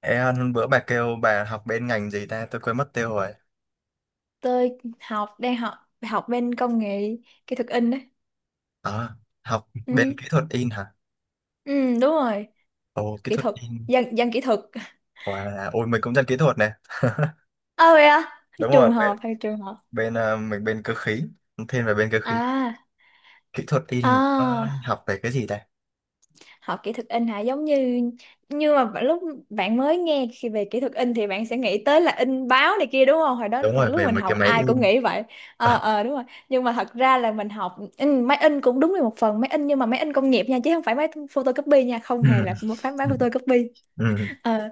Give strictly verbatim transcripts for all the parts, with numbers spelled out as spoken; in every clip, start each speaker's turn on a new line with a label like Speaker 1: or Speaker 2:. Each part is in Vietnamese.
Speaker 1: Ê Hân, bữa bà kêu bà học bên ngành gì ta? Tôi quên mất tiêu rồi.
Speaker 2: tôi học đang học học bên công nghệ kỹ thuật in đấy.
Speaker 1: Ờ, học bên
Speaker 2: ừ,
Speaker 1: kỹ thuật in hả?
Speaker 2: ừ Đúng rồi.
Speaker 1: Ồ, kỹ
Speaker 2: Kỹ
Speaker 1: thuật
Speaker 2: thuật,
Speaker 1: in.
Speaker 2: dân dân kỹ thuật.
Speaker 1: Wow. Ôi, mình cũng dân kỹ thuật nè.
Speaker 2: Ơ, vậy à?
Speaker 1: Đúng rồi,
Speaker 2: Trường
Speaker 1: bên,
Speaker 2: hợp hay trường hợp.
Speaker 1: bên ờ, mình bên cơ khí. Thiên về bên cơ khí.
Speaker 2: à
Speaker 1: Kỹ thuật in là có
Speaker 2: à
Speaker 1: học về cái gì ta?
Speaker 2: Học kỹ thuật in hả? Giống như, như mà lúc bạn mới nghe khi về kỹ thuật in thì bạn sẽ nghĩ tới là in báo này kia đúng không? Hồi đó
Speaker 1: Đúng
Speaker 2: thật,
Speaker 1: rồi,
Speaker 2: lúc
Speaker 1: về
Speaker 2: mình
Speaker 1: mấy cái
Speaker 2: học
Speaker 1: máy
Speaker 2: ai cũng
Speaker 1: in.
Speaker 2: nghĩ vậy. Ờ ờ đúng rồi. Nhưng mà thật ra là mình học in, máy in cũng đúng là một phần, máy in nhưng mà máy in công nghiệp nha, chứ không phải máy photocopy nha, không hề là một phán máy
Speaker 1: ừ, ừ,
Speaker 2: photocopy.
Speaker 1: ừ.
Speaker 2: Ờ,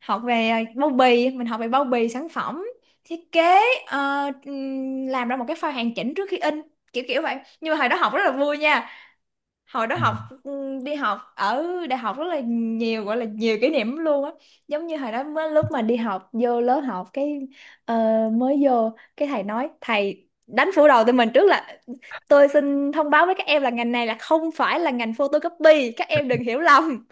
Speaker 2: học về à, bao bì, mình học về bao bì sản phẩm, thiết kế, ờ, ừm, làm ra một cái file hoàn chỉnh trước khi in, kiểu kiểu vậy. Nhưng mà hồi đó học rất là vui nha. Hồi đó
Speaker 1: ừ.
Speaker 2: học ừm, Đi học ở đại học rất là nhiều, gọi là nhiều kỷ niệm lắm luôn á. Giống như hồi đó mới, lúc mà đi học vô lớp học cái ờ, mới vô cái, thầy nói, thầy đánh phủ đầu tụi mình trước là tôi xin thông báo với các em là ngành này là không phải là ngành photocopy, các em đừng hiểu lầm.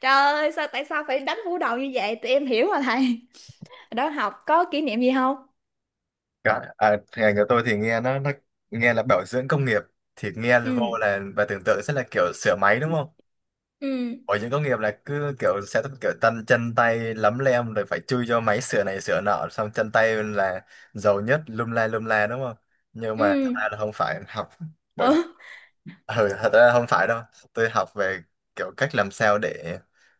Speaker 2: Trời ơi, sao tại sao phải đánh vũ đầu như vậy? Tụi em hiểu mà thầy. Đó, học có kỷ niệm gì không?
Speaker 1: Cả- À, ngành của tôi thì nghe nó, nó nghe là bảo dưỡng công nghiệp. Thì nghe vô
Speaker 2: Ừ,
Speaker 1: là bà tưởng tượng sẽ là kiểu sửa máy đúng không?
Speaker 2: ừ.
Speaker 1: Bảo hiểm công nghiệp là cứ kiểu sẽ kiểu tân chân tay lấm lem rồi phải chui cho máy sửa này sửa nọ xong chân tay là giàu nhất lum la lum la đúng không, nhưng mà thật
Speaker 2: Ừ.
Speaker 1: ra là không phải học bảo
Speaker 2: Ừ,
Speaker 1: ừ thật ra không phải đâu. Tôi học về kiểu cách làm sao để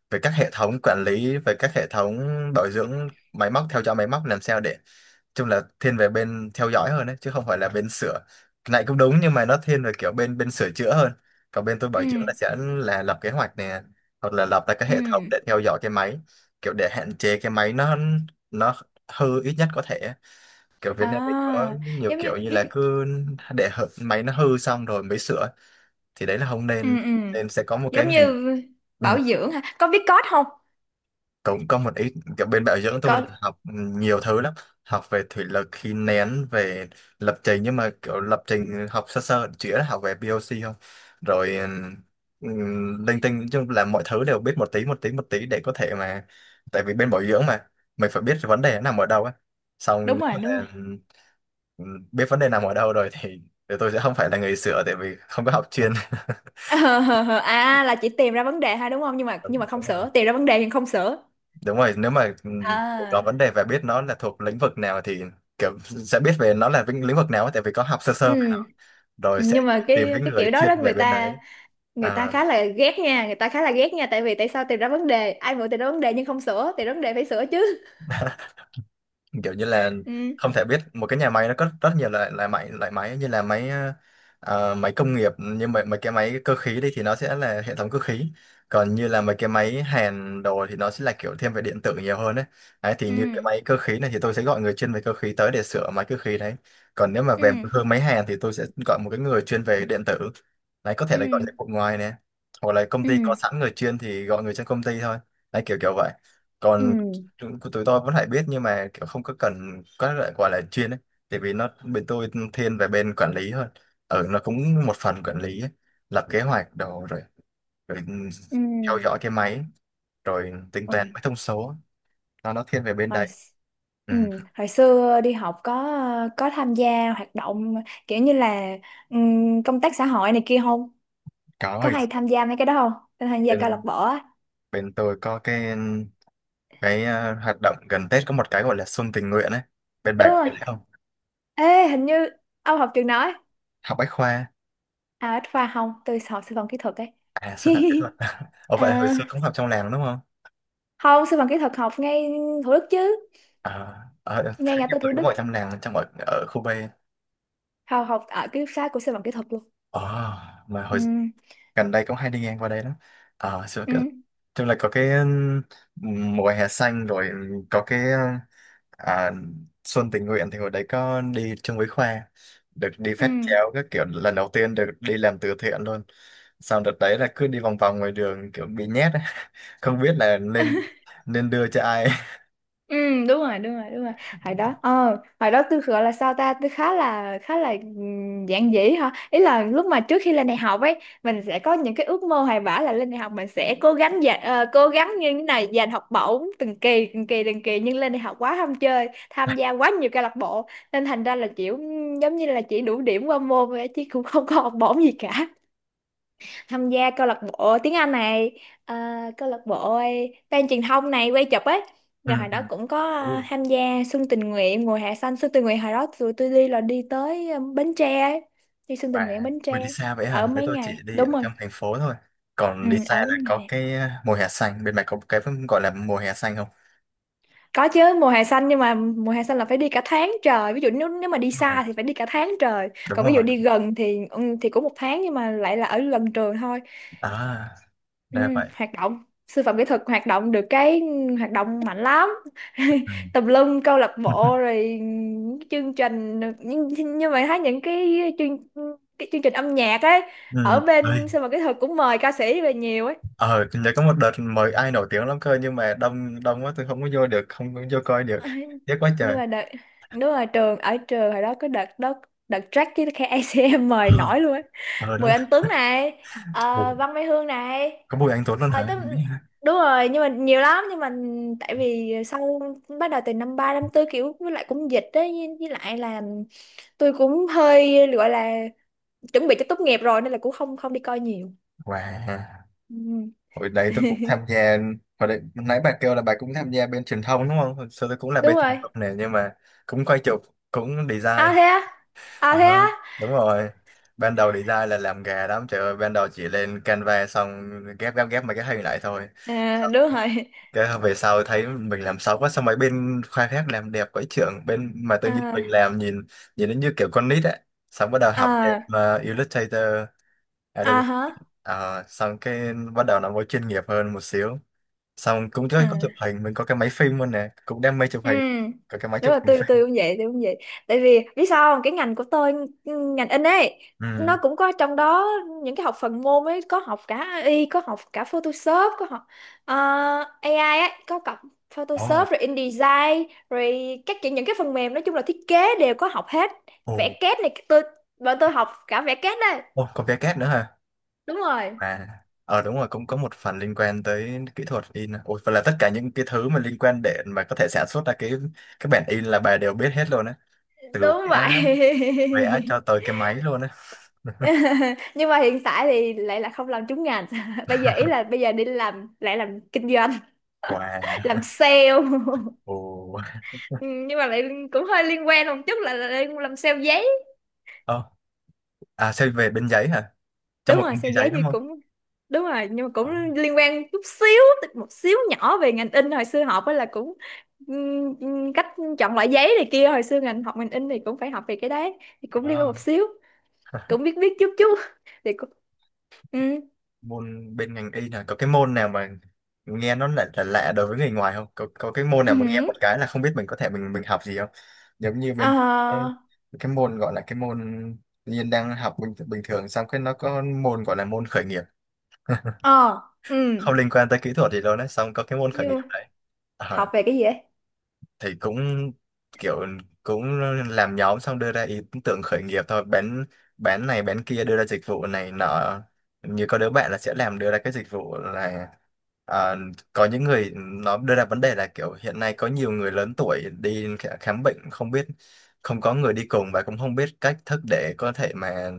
Speaker 1: về các hệ thống quản lý, về các hệ thống bảo dưỡng máy móc, theo dõi máy móc làm sao để, chung là thiên về bên theo dõi hơn đấy, chứ không phải là bên sửa. Cái này cũng đúng nhưng mà nó thiên về kiểu bên bên sửa chữa hơn, còn bên tôi bảo
Speaker 2: ừ.
Speaker 1: dưỡng là sẽ là lập kế hoạch nè, hoặc là lập ra cái hệ thống
Speaker 2: Ừ.
Speaker 1: để theo dõi cái máy, kiểu để hạn chế cái máy nó nó hư ít nhất có thể. Kiểu Việt Nam mình có
Speaker 2: À,
Speaker 1: nhiều
Speaker 2: giống như
Speaker 1: kiểu như là
Speaker 2: viết.
Speaker 1: cứ để hở- máy nó hư xong rồi mới sửa, thì đấy là không
Speaker 2: Ừ,
Speaker 1: nên,
Speaker 2: ừ.
Speaker 1: nên sẽ có một cái
Speaker 2: Giống
Speaker 1: ngành.
Speaker 2: như
Speaker 1: Ừ,
Speaker 2: bảo dưỡng ha. Có viết code không?
Speaker 1: cũng có một ít kiểu bên bảo dưỡng tôi
Speaker 2: Có.
Speaker 1: là học, ừ, nhiều thứ lắm, học về thủy lực khí nén, về lập trình, nhưng mà kiểu lập trình học sơ sơ chỉ là học về pê ô xê không, rồi um, linh tinh, nói chung là mọi thứ đều biết một tí một tí một tí để có thể mà, tại vì bên bảo dưỡng mà mình phải biết vấn đề nó nằm ở đâu á, xong
Speaker 2: Đúng rồi,
Speaker 1: nếu
Speaker 2: đúng
Speaker 1: mà,
Speaker 2: rồi.
Speaker 1: ừ, biết vấn đề nằm ở đâu rồi thì, thì tôi sẽ không phải là người sửa tại vì không có học chuyên.
Speaker 2: Ờ, à là chỉ tìm ra vấn đề ha đúng không? Nhưng mà nhưng mà không
Speaker 1: Đúng rồi.
Speaker 2: sửa, tìm ra vấn đề nhưng không sửa.
Speaker 1: Đúng rồi nếu mà, ừm, có
Speaker 2: À.
Speaker 1: vấn đề về biết nó là thuộc lĩnh vực nào thì kiểu sẽ biết về nó là vĩnh- lĩnh vực nào ấy, tại vì có học sơ sơ về nó
Speaker 2: Ừ,
Speaker 1: rồi sẽ
Speaker 2: nhưng mà
Speaker 1: tìm
Speaker 2: cái
Speaker 1: cái
Speaker 2: cái
Speaker 1: người
Speaker 2: kiểu đó đó
Speaker 1: chuyên về
Speaker 2: người
Speaker 1: bên
Speaker 2: ta,
Speaker 1: đấy.
Speaker 2: người ta
Speaker 1: À,
Speaker 2: khá là ghét nha người ta khá là ghét nha. Tại vì tại sao tìm ra vấn đề, ai muốn tìm ra vấn đề nhưng không sửa, tìm ra vấn đề phải sửa chứ.
Speaker 1: kiểu như là,
Speaker 2: Ừ.
Speaker 1: không thể biết một cái nhà máy nó có rất nhiều loại loại máy loại máy, như là máy, ờ, máy công nghiệp như mấy, mấy cái máy cơ khí đi thì nó sẽ là hệ thống cơ khí, còn như là mấy cái máy hàn đồ thì nó sẽ là kiểu thiên về điện tử nhiều hơn đấy. Đấy thì như cái
Speaker 2: Ừ.
Speaker 1: máy cơ khí này thì tôi sẽ gọi người chuyên về cơ khí tới để sửa máy cơ khí đấy, còn nếu mà về
Speaker 2: Ừ.
Speaker 1: hơn máy hàn thì tôi sẽ gọi một cái người chuyên về điện tử. Đấy có thể là gọi
Speaker 2: Ừ.
Speaker 1: dịch vụ ngoài nè, hoặc là công ty có
Speaker 2: Ừ.
Speaker 1: sẵn người chuyên thì gọi người trong công ty thôi. Đấy kiểu kiểu vậy.
Speaker 2: Ừ.
Speaker 1: Còn tụi, của tụi tôi vẫn phải biết nhưng mà kiểu không có cần có loại gọi là chuyên ấy, tại vì nó bên tôi thiên về bên quản lý hơn, ở nó cũng một phần quản lý ấy. Lập kế hoạch đồ rồi, rồi, ừ, theo
Speaker 2: Ừ.
Speaker 1: dõi cái máy, rồi tính toán
Speaker 2: Ừ.
Speaker 1: mấy thông số, nó nó thiên về bên
Speaker 2: hồi
Speaker 1: đấy.
Speaker 2: x-
Speaker 1: Ừ.
Speaker 2: ừ, hồi xưa đi học có có tham gia hoạt động kiểu như là ừm, công tác xã hội này kia không?
Speaker 1: Có
Speaker 2: Có
Speaker 1: hồi,
Speaker 2: hay tham gia mấy cái đó không, tham gia câu lạc
Speaker 1: bên
Speaker 2: bộ á?
Speaker 1: bên tôi có cái, cái ờ, hoạt động gần Tết có một cái gọi là xuân tình nguyện ấy, bên
Speaker 2: Đúng
Speaker 1: bạn biết
Speaker 2: rồi.
Speaker 1: không.
Speaker 2: Ê, hình như ông học trường đó?
Speaker 1: Học bách khoa.
Speaker 2: À, bách khoa không, tôi học sư phạm kỹ thuật ấy.
Speaker 1: À, sư phạm kỹ thuật. Ồ vậy hồi
Speaker 2: À,
Speaker 1: xưa cũng học trong làng đúng không.
Speaker 2: không, sư phạm kỹ thuật học ngay Thủ Đức chứ.
Speaker 1: À, ở
Speaker 2: Ngay
Speaker 1: thấy
Speaker 2: ngã
Speaker 1: nhiều
Speaker 2: tư
Speaker 1: người
Speaker 2: Thủ
Speaker 1: có
Speaker 2: Đức,
Speaker 1: mọi trăm nàng trong ở, ở khu B.
Speaker 2: học học ở ký túc xá của sư phạm kỹ thuật luôn.
Speaker 1: Ờ, mà hồi
Speaker 2: Ừ.
Speaker 1: gần đây cũng hay đi ngang qua đây lắm. À, xưa
Speaker 2: Ừ.
Speaker 1: cái chung là có cái, ừm, mùa hè xanh rồi, có cái, ờ, à, xuân tình nguyện thì hồi đấy có đi chung với Khoa, được đi
Speaker 2: Ừ.
Speaker 1: phát chéo các kiểu, lần đầu tiên được đi làm từ thiện luôn. Sau đợt đấy là cứ đi vòng vòng ngoài đường kiểu bị nhét ấy. Không biết là nên nên đưa cho ai.
Speaker 2: Ừ. Đúng rồi, đúng rồi, đúng rồi. Hồi đó, ờ hồi đó tôi gọi là sao ta, tôi khá là, khá là ừm, giản dị hả, ý là lúc mà trước khi lên đại học ấy, mình sẽ có những cái ước mơ hoài bão là lên đại học mình sẽ cố gắng dành ờ, cố gắng như thế này giành học bổng từng kỳ từng kỳ từng kỳ. Nhưng lên đại học quá ham chơi, tham gia quá nhiều câu lạc bộ nên thành ra là kiểu ừm, giống như là chỉ đủ điểm qua môn thôi chứ cũng không có học bổng gì cả. Tham gia câu lạc bộ tiếng Anh này, à, câu lạc bộ ban truyền thông này, quay chụp ấy. Rồi
Speaker 1: Ừ,
Speaker 2: hồi đó cũng có
Speaker 1: ừ.
Speaker 2: à, tham gia xuân tình nguyện, mùa hè xanh. Xuân tình nguyện hồi đó tụi tôi đi là đi tới à, Bến Tre ấy. Đi xuân tình nguyện
Speaker 1: Và
Speaker 2: Bến
Speaker 1: vì
Speaker 2: Tre,
Speaker 1: đi xa vậy
Speaker 2: ở
Speaker 1: hả? Để
Speaker 2: mấy
Speaker 1: tôi
Speaker 2: ngày,
Speaker 1: chỉ đi ở
Speaker 2: đúng rồi.
Speaker 1: trong thành phố thôi. Còn
Speaker 2: Ừ,
Speaker 1: đi xa
Speaker 2: ở mấy
Speaker 1: là có
Speaker 2: ngày.
Speaker 1: cái, ờ, mùa hè xanh. Bên mày có cái gọi là mùa hè xanh không?
Speaker 2: Có chứ, mùa hè xanh, nhưng mà mùa hè xanh là phải đi cả tháng trời. Ví dụ nếu nếu mà
Speaker 1: Đúng
Speaker 2: đi
Speaker 1: rồi.
Speaker 2: xa thì phải đi cả tháng trời,
Speaker 1: Đúng
Speaker 2: còn ví dụ
Speaker 1: rồi.
Speaker 2: đi gần thì ừ, thì cũng một tháng nhưng mà lại là ở gần trường thôi.
Speaker 1: À,
Speaker 2: Ừ,
Speaker 1: ra vậy.
Speaker 2: hoạt động sư phạm kỹ thuật hoạt động được cái hoạt động mạnh lắm.
Speaker 1: Ừ.
Speaker 2: Tùm lum câu lạc bộ rồi những chương trình. Nhưng, nhưng mà Thấy những cái chương cái chương trình âm nhạc ấy
Speaker 1: Ừ.
Speaker 2: ở
Speaker 1: Ê,
Speaker 2: bên sư phạm kỹ thuật cũng mời ca sĩ về nhiều ấy.
Speaker 1: Ờ, nhớ có một đợt mời ai nổi tiếng lắm cơ nhưng mà đông đông quá tôi không có vô được, không có vô coi được.
Speaker 2: Ờ,
Speaker 1: Tiếc quá
Speaker 2: nhưng
Speaker 1: trời.
Speaker 2: mà đợt, đúng rồi trường, ở trường hồi đó có đợt đó, đợt track với cái a xê em mời
Speaker 1: Ờ,
Speaker 2: nổi luôn ấy.
Speaker 1: ờ đúng
Speaker 2: Bùi
Speaker 1: rồi.
Speaker 2: Anh Tuấn này,
Speaker 1: Ủa,
Speaker 2: ờ, Văn Mai Hương này.
Speaker 1: có Bùi Anh Tuấn luôn
Speaker 2: À,
Speaker 1: hả?
Speaker 2: tức,
Speaker 1: Đúng hả?
Speaker 2: đúng rồi, nhưng mà nhiều lắm. Nhưng mà tại vì sau, bắt đầu từ năm ba năm tư kiểu, với lại cũng dịch đấy, với, với lại là tôi cũng hơi gọi là chuẩn bị cho tốt nghiệp rồi nên là cũng không không đi coi nhiều.
Speaker 1: Wow.
Speaker 2: Ừ,
Speaker 1: Hồi đấy tôi cũng tham gia, hồi đấy nãy bà kêu là bà cũng tham gia bên truyền thông đúng không? Hồi xưa tôi cũng là bên
Speaker 2: đúng
Speaker 1: truyền
Speaker 2: rồi.
Speaker 1: thông này nhưng mà cũng quay chụp, cũng
Speaker 2: À,
Speaker 1: design.
Speaker 2: thế á. À,
Speaker 1: Ờ,
Speaker 2: thế á.
Speaker 1: đúng rồi. Ban đầu design là làm gà lắm, trời ơi, ban đầu chỉ lên Canva xong ghép ghép ghép mấy cái hình lại thôi.
Speaker 2: À,
Speaker 1: Xong
Speaker 2: đúng rồi.
Speaker 1: cái về sau thấy mình làm xấu quá, xong mấy bên khoa khác làm đẹp quá trưởng, bên mà tự nhiên mình
Speaker 2: À.
Speaker 1: làm nhìn nhìn nó như kiểu con nít ấy. Xong bắt đầu học thêm
Speaker 2: À.
Speaker 1: ờ, Illustrator, Adobe.
Speaker 2: À hả.
Speaker 1: Ờ, xong cái bắt đầu nó mới chuyên nghiệp hơn một xíu, xong cũng có,
Speaker 2: À.
Speaker 1: có chụp hình, mình có cái máy phim luôn nè, cũng đam mê chụp
Speaker 2: Ừ.
Speaker 1: hình, có cái máy
Speaker 2: Đúng
Speaker 1: chụp
Speaker 2: là
Speaker 1: hình
Speaker 2: tôi
Speaker 1: phim.
Speaker 2: tôi cũng vậy, tôi cũng vậy. Tại vì biết sao không? Cái ngành của tôi, ừ, ngành in ấy,
Speaker 1: Ừ.
Speaker 2: nó cũng có trong đó những cái học phần môn ấy, có học cả a i, có học cả Photoshop, có học ờ, a i ấy, có cặp
Speaker 1: Ồ.
Speaker 2: Photoshop rồi InDesign rồi các kiểu, những cái phần mềm nói chung là thiết kế đều có học hết.
Speaker 1: Ồ.
Speaker 2: Vẽ kết này, tôi bọn tôi học cả vẽ kết đây.
Speaker 1: Ồ, có vé két nữa hả.
Speaker 2: Đúng rồi,
Speaker 1: À, ờ đúng rồi, cũng có một phần liên quan tới kỹ thuật in, ôi và là tất cả những cái thứ mà liên quan để mà có thể sản xuất ra cái cái bản in là bà đều biết hết luôn á, từ
Speaker 2: đúng
Speaker 1: vẽ,
Speaker 2: vậy.
Speaker 1: vẽ cho tới cái máy luôn á.
Speaker 2: Nhưng mà hiện tại thì lại là không làm trúng ngành. Bây giờ ý là bây giờ đi làm lại làm kinh doanh,
Speaker 1: Wow.
Speaker 2: làm sale.
Speaker 1: Ồ.
Speaker 2: Ừ, nhưng mà lại cũng hơi liên quan một chút, là, là đang làm sale giấy.
Speaker 1: Ờ. À, xây về bên giấy hả, trong
Speaker 2: Đúng
Speaker 1: một
Speaker 2: rồi,
Speaker 1: công ty
Speaker 2: sale
Speaker 1: giấy
Speaker 2: giấy
Speaker 1: đúng
Speaker 2: thì
Speaker 1: không.
Speaker 2: cũng, đúng rồi, nhưng mà cũng
Speaker 1: Ờ.
Speaker 2: liên quan chút xíu, một xíu nhỏ về ngành in hồi xưa học ấy, là cũng ừm, ừm, cách chọn loại giấy này kia. Hồi xưa ngành học, ngành in thì cũng phải học về cái đấy, thì cũng liên quan
Speaker 1: Ờ.
Speaker 2: một xíu, cũng biết biết chút chút. Thì cũng, ừ.
Speaker 1: Môn bên ngành y là có cái môn nào mà nghe nó lại là lạ đối với người ngoài không, có có cái môn nào
Speaker 2: Ừ.
Speaker 1: mà nghe một cái là không biết mình có thể mình mình học gì không. Giống như bên cái
Speaker 2: Ờ.
Speaker 1: cái môn gọi là cái môn Nhiên đang học bình bình thường xong cái nó có môn gọi là môn khởi nghiệp,
Speaker 2: Ờ. Ừ.
Speaker 1: không liên quan tới kỹ thuật gì đâu đấy, xong có cái môn khởi nghiệp
Speaker 2: Như
Speaker 1: đấy. Ờ.
Speaker 2: học về cái gì ấy.
Speaker 1: Thì cũng kiểu cũng làm nhóm xong đưa ra ý tưởng khởi nghiệp thôi, bán bán này bán kia, đưa ra dịch vụ này nọ. Như có đứa bạn là sẽ làm đưa ra cái dịch vụ là, ờ, có những người nó đưa ra vấn đề là kiểu hiện nay có nhiều người lớn tuổi đi khả- khám bệnh không biết, không có người đi cùng và cũng không biết cách thức để có thể mà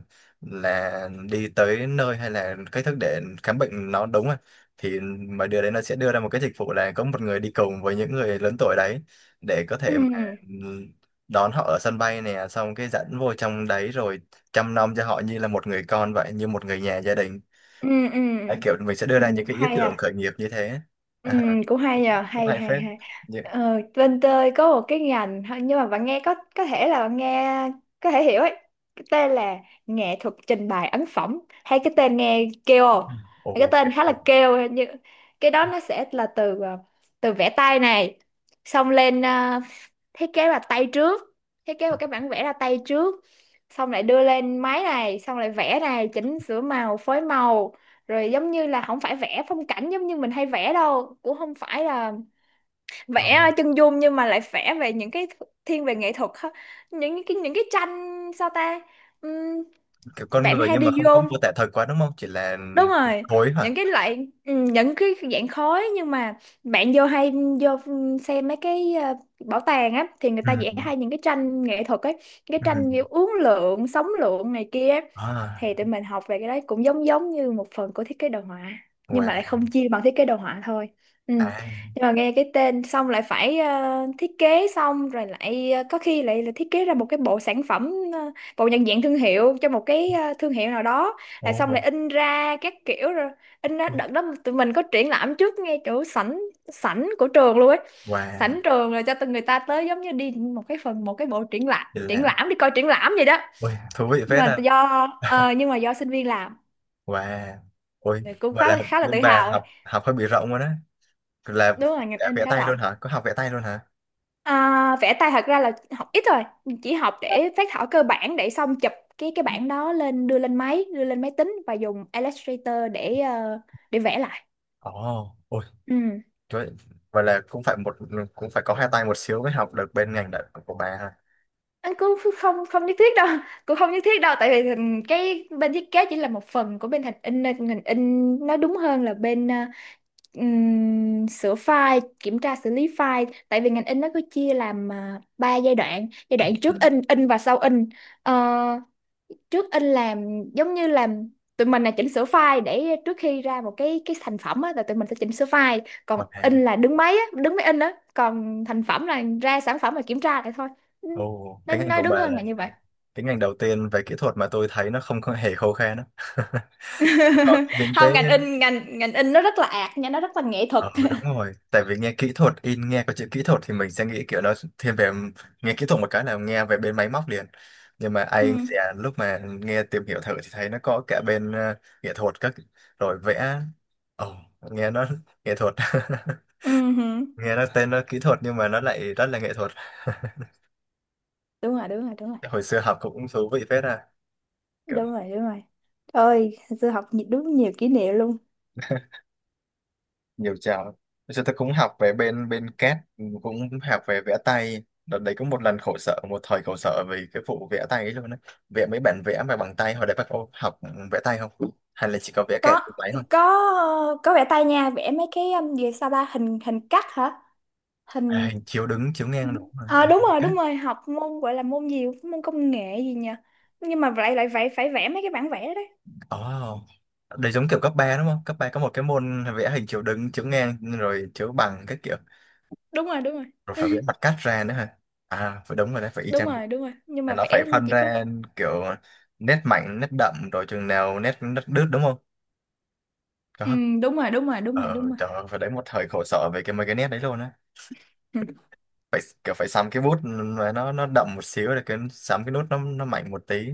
Speaker 1: là đi tới nơi, hay là cách thức để khám bệnh nó đúng rồi. Thì mà đưa đấy, nó sẽ đưa ra một cái dịch vụ là có một người đi cùng với những người lớn tuổi đấy để có thể mà
Speaker 2: Ừ.
Speaker 1: đón họ ở sân bay nè, xong cái dẫn vô trong đấy rồi chăm nom cho họ như là một người con vậy, như một người nhà gia đình.
Speaker 2: Ừ. Ừ.
Speaker 1: Đấy, kiểu mình sẽ đưa
Speaker 2: Ừ.
Speaker 1: ra những cái ý
Speaker 2: Hay
Speaker 1: tưởng
Speaker 2: à.
Speaker 1: khởi nghiệp như thế.
Speaker 2: Ừ.
Speaker 1: À,
Speaker 2: Cũng hay à,
Speaker 1: cũng
Speaker 2: hay
Speaker 1: hay
Speaker 2: hay
Speaker 1: phết.
Speaker 2: hay.
Speaker 1: Như,
Speaker 2: Ờ, bên tôi có một cái ngành thôi, nhưng mà bạn nghe có có thể là bạn nghe có thể hiểu ấy. Cái tên là nghệ thuật trình bày ấn phẩm, hay cái tên nghe kêu không? Cái
Speaker 1: ồ kiểu,
Speaker 2: tên khá là
Speaker 1: ồ,
Speaker 2: kêu. Như cái đó nó sẽ là từ ờ, từ vẽ tay này, xong lên ờ, thiết kế là tay trước, thiết kế vào cái bản vẽ là tay trước, xong lại đưa lên máy này, xong lại vẽ này, chỉnh sửa màu, phối màu, rồi giống như là không phải vẽ phong cảnh giống như mình hay vẽ đâu, cũng không phải là
Speaker 1: ờ,
Speaker 2: vẽ chân dung, nhưng mà lại vẽ về những cái thiên về nghệ thuật ha. Những cái, những cái tranh sao ta, ừm,
Speaker 1: kiểu con
Speaker 2: bạn
Speaker 1: người
Speaker 2: hay
Speaker 1: nhưng mà
Speaker 2: đi
Speaker 1: không có
Speaker 2: vô,
Speaker 1: mô tả thật quá đúng không, chỉ là
Speaker 2: đúng rồi,
Speaker 1: thối hả.
Speaker 2: những cái loại ừ, những cái dạng khói, nhưng mà bạn vô hay vô xem mấy cái ờ, bảo tàng á, thì người ta vẽ
Speaker 1: Ừ.
Speaker 2: hay những cái tranh nghệ thuật ấy, cái tranh
Speaker 1: Ừ.
Speaker 2: kiểu uốn lượn sóng lượn này kia á.
Speaker 1: À.
Speaker 2: Thì tụi mình học về cái đấy, cũng giống giống như một phần của thiết kế đồ họa, nhưng
Speaker 1: Wow.
Speaker 2: mà lại không chia bằng thiết kế đồ họa thôi. Ừ.
Speaker 1: À.
Speaker 2: Nhưng mà nghe cái tên xong lại phải ờ, thiết kế xong rồi lại ờ, có khi lại là thiết kế ra một cái bộ sản phẩm ờ, bộ nhận diện thương hiệu cho một cái ờ, thương hiệu nào đó, rồi xong
Speaker 1: Ồ.
Speaker 2: lại in ra các kiểu. Rồi in ra
Speaker 1: Ui.
Speaker 2: đợt đó tụi mình có triển lãm trước ngay chỗ sảnh, sảnh của trường luôn ấy,
Speaker 1: Wow.
Speaker 2: sảnh trường, rồi cho từng người ta tới giống như đi một cái phần, một cái bộ triển lãm,
Speaker 1: Chỉ
Speaker 2: triển
Speaker 1: là,
Speaker 2: lãm, đi coi triển lãm vậy đó.
Speaker 1: ôi, thú vị
Speaker 2: Nhưng
Speaker 1: phết
Speaker 2: mà
Speaker 1: à.
Speaker 2: do ờ, nhưng mà do sinh viên làm
Speaker 1: Wow, ôi,
Speaker 2: thì cũng
Speaker 1: vậy
Speaker 2: khá
Speaker 1: là
Speaker 2: là, khá là
Speaker 1: bên
Speaker 2: tự
Speaker 1: bà
Speaker 2: hào ấy.
Speaker 1: học học hơi bị rộng rồi đó, là
Speaker 2: Đúng rồi, ngành
Speaker 1: cả
Speaker 2: in
Speaker 1: vẽ
Speaker 2: khá
Speaker 1: tay luôn
Speaker 2: rộng.
Speaker 1: hả? Có học vẽ tay luôn hả?
Speaker 2: À, vẽ tay thật ra là học ít rồi, chỉ học để phác thảo cơ bản, để xong chụp cái cái bản đó lên, đưa lên máy, đưa lên máy tính và dùng Illustrator để ờ, để vẽ lại.
Speaker 1: Ồ, ôi,
Speaker 2: Ừ,
Speaker 1: trời, ơi, vậy là cũng phải một, cũng phải có hai tay một xíu mới học được bên ngành đ- của bà ha.
Speaker 2: anh cũng ph-, không không nhất thiết đâu. Cũng không nhất thiết đâu, tại vì ừm, cái bên thiết kế chỉ là một phần của bên hình in, nên ngành in nó đúng hơn là bên ờ, ừm, sửa file, kiểm tra xử lý file. Tại vì ngành in nó cứ chia làm uh, ba giai đoạn: giai đoạn
Speaker 1: Ừ.
Speaker 2: trước in, in, và sau in. Ờ, trước in làm giống như làm, tụi mình là chỉnh sửa file để trước khi ra một cái cái thành phẩm á là tụi mình sẽ chỉnh sửa file, còn
Speaker 1: Wow.
Speaker 2: in là đứng máy á, đứng máy in á, còn thành phẩm là ra sản phẩm, là kiểm tra lại thôi.
Speaker 1: Ồ, cái
Speaker 2: Nên
Speaker 1: ngành
Speaker 2: nói
Speaker 1: của
Speaker 2: đúng
Speaker 1: bà
Speaker 2: hơn
Speaker 1: là
Speaker 2: là như vậy.
Speaker 1: cái ngành đầu tiên về kỹ thuật mà tôi thấy nó không có hề khô khan đó. Có những cái.
Speaker 2: Không, ngành in, ngành ngành in nó rất là ạt nha, nó rất là nghệ thuật.
Speaker 1: Ờ đúng rồi, tại vì nghe kỹ thuật in nghe có chữ kỹ thuật thì mình sẽ nghĩ kiểu nó thiên về, nghe kỹ thuật một cái là nghe về bên máy móc liền. Nhưng mà
Speaker 2: Ừ.
Speaker 1: anh sẽ lúc mà nghe tìm hiểu thử thì thấy nó có cả bên, ờ, nghệ thuật các, rồi vẽ. Ồ, nghe nó nghệ thuật.
Speaker 2: Ừ hử.
Speaker 1: Nghe nó tên nó kỹ thuật nhưng mà nó lại rất là nghệ thuật.
Speaker 2: Đúng rồi, đúng rồi, đúng rồi,
Speaker 1: Hồi xưa học cũng thú vị phết à.
Speaker 2: đúng rồi. Đúng rồi, ơi sư học nhi-, đúng nhiều kỷ niệm luôn.
Speaker 1: Nhiều chảo, bây giờ tôi cũng học về bên bên cát, cũng học về vẽ tay đợt đấy, cũng một lần khổ sở, một thời khổ sở vì cái vụ vẽ tay ấy luôn á, vẽ mấy bản vẽ mà bằng tay. Hồi đấy bà có học vẽ tay không, hay là chỉ có vẽ kẹt
Speaker 2: có
Speaker 1: tay thôi.
Speaker 2: có có vẽ tay nha. Vẽ mấy cái um, gì sao ta, hình hình cắt hả,
Speaker 1: À,
Speaker 2: hình.
Speaker 1: hình chiếu đứng chiếu ngang đúng mà, à,
Speaker 2: À, đúng
Speaker 1: hình
Speaker 2: rồi,
Speaker 1: khác.
Speaker 2: đúng rồi, học môn gọi là môn gì, môn công nghệ gì nhỉ, nhưng mà lại lại phải phải vẽ mấy cái bản vẽ đấy.
Speaker 1: Ồ, đấy giống kiểu cấp ba đúng không, cấp ba có một cái môn vẽ hình chiếu đứng chiếu ngang rồi chiếu bằng các kiểu,
Speaker 2: Đúng rồi, đúng rồi.
Speaker 1: rồi phải vẽ mặt cắt ra nữa hả. À phải, đúng rồi đấy, phải y
Speaker 2: Đúng
Speaker 1: chang.
Speaker 2: rồi, đúng rồi, nhưng mà
Speaker 1: Nó phải
Speaker 2: vẽ
Speaker 1: phân
Speaker 2: chỉ có
Speaker 1: ra kiểu nét mạnh nét đậm rồi chừng nào nét nét đứt đúng không.
Speaker 2: ừ,
Speaker 1: Có.
Speaker 2: đúng rồi, đúng rồi, đúng rồi, đúng
Speaker 1: Ờ
Speaker 2: rồi.
Speaker 1: trời ơi, phải đấy, một thời khổ sở về cái mấy cái nét đấy luôn á, phải kiểu phải sắm cái bút mà nó nó đậm một xíu, để cái sắm cái nút nó nó mạnh một tí.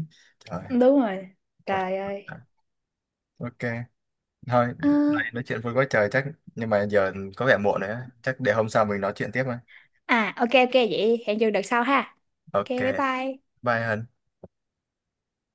Speaker 1: Trời.
Speaker 2: Đúng rồi,
Speaker 1: Một.
Speaker 2: trời ơi.
Speaker 1: À, ok thôi.
Speaker 2: Ờ,
Speaker 1: Đấy, nói chuyện vui quá trời chắc, nhưng mà giờ có vẻ muộn rồi á, chắc để hôm sau mình nói chuyện tiếp mà.
Speaker 2: à ok ok, vậy hẹn giờ đợt sau ha. Ok,
Speaker 1: Ok,
Speaker 2: bye bye.
Speaker 1: bye Hân.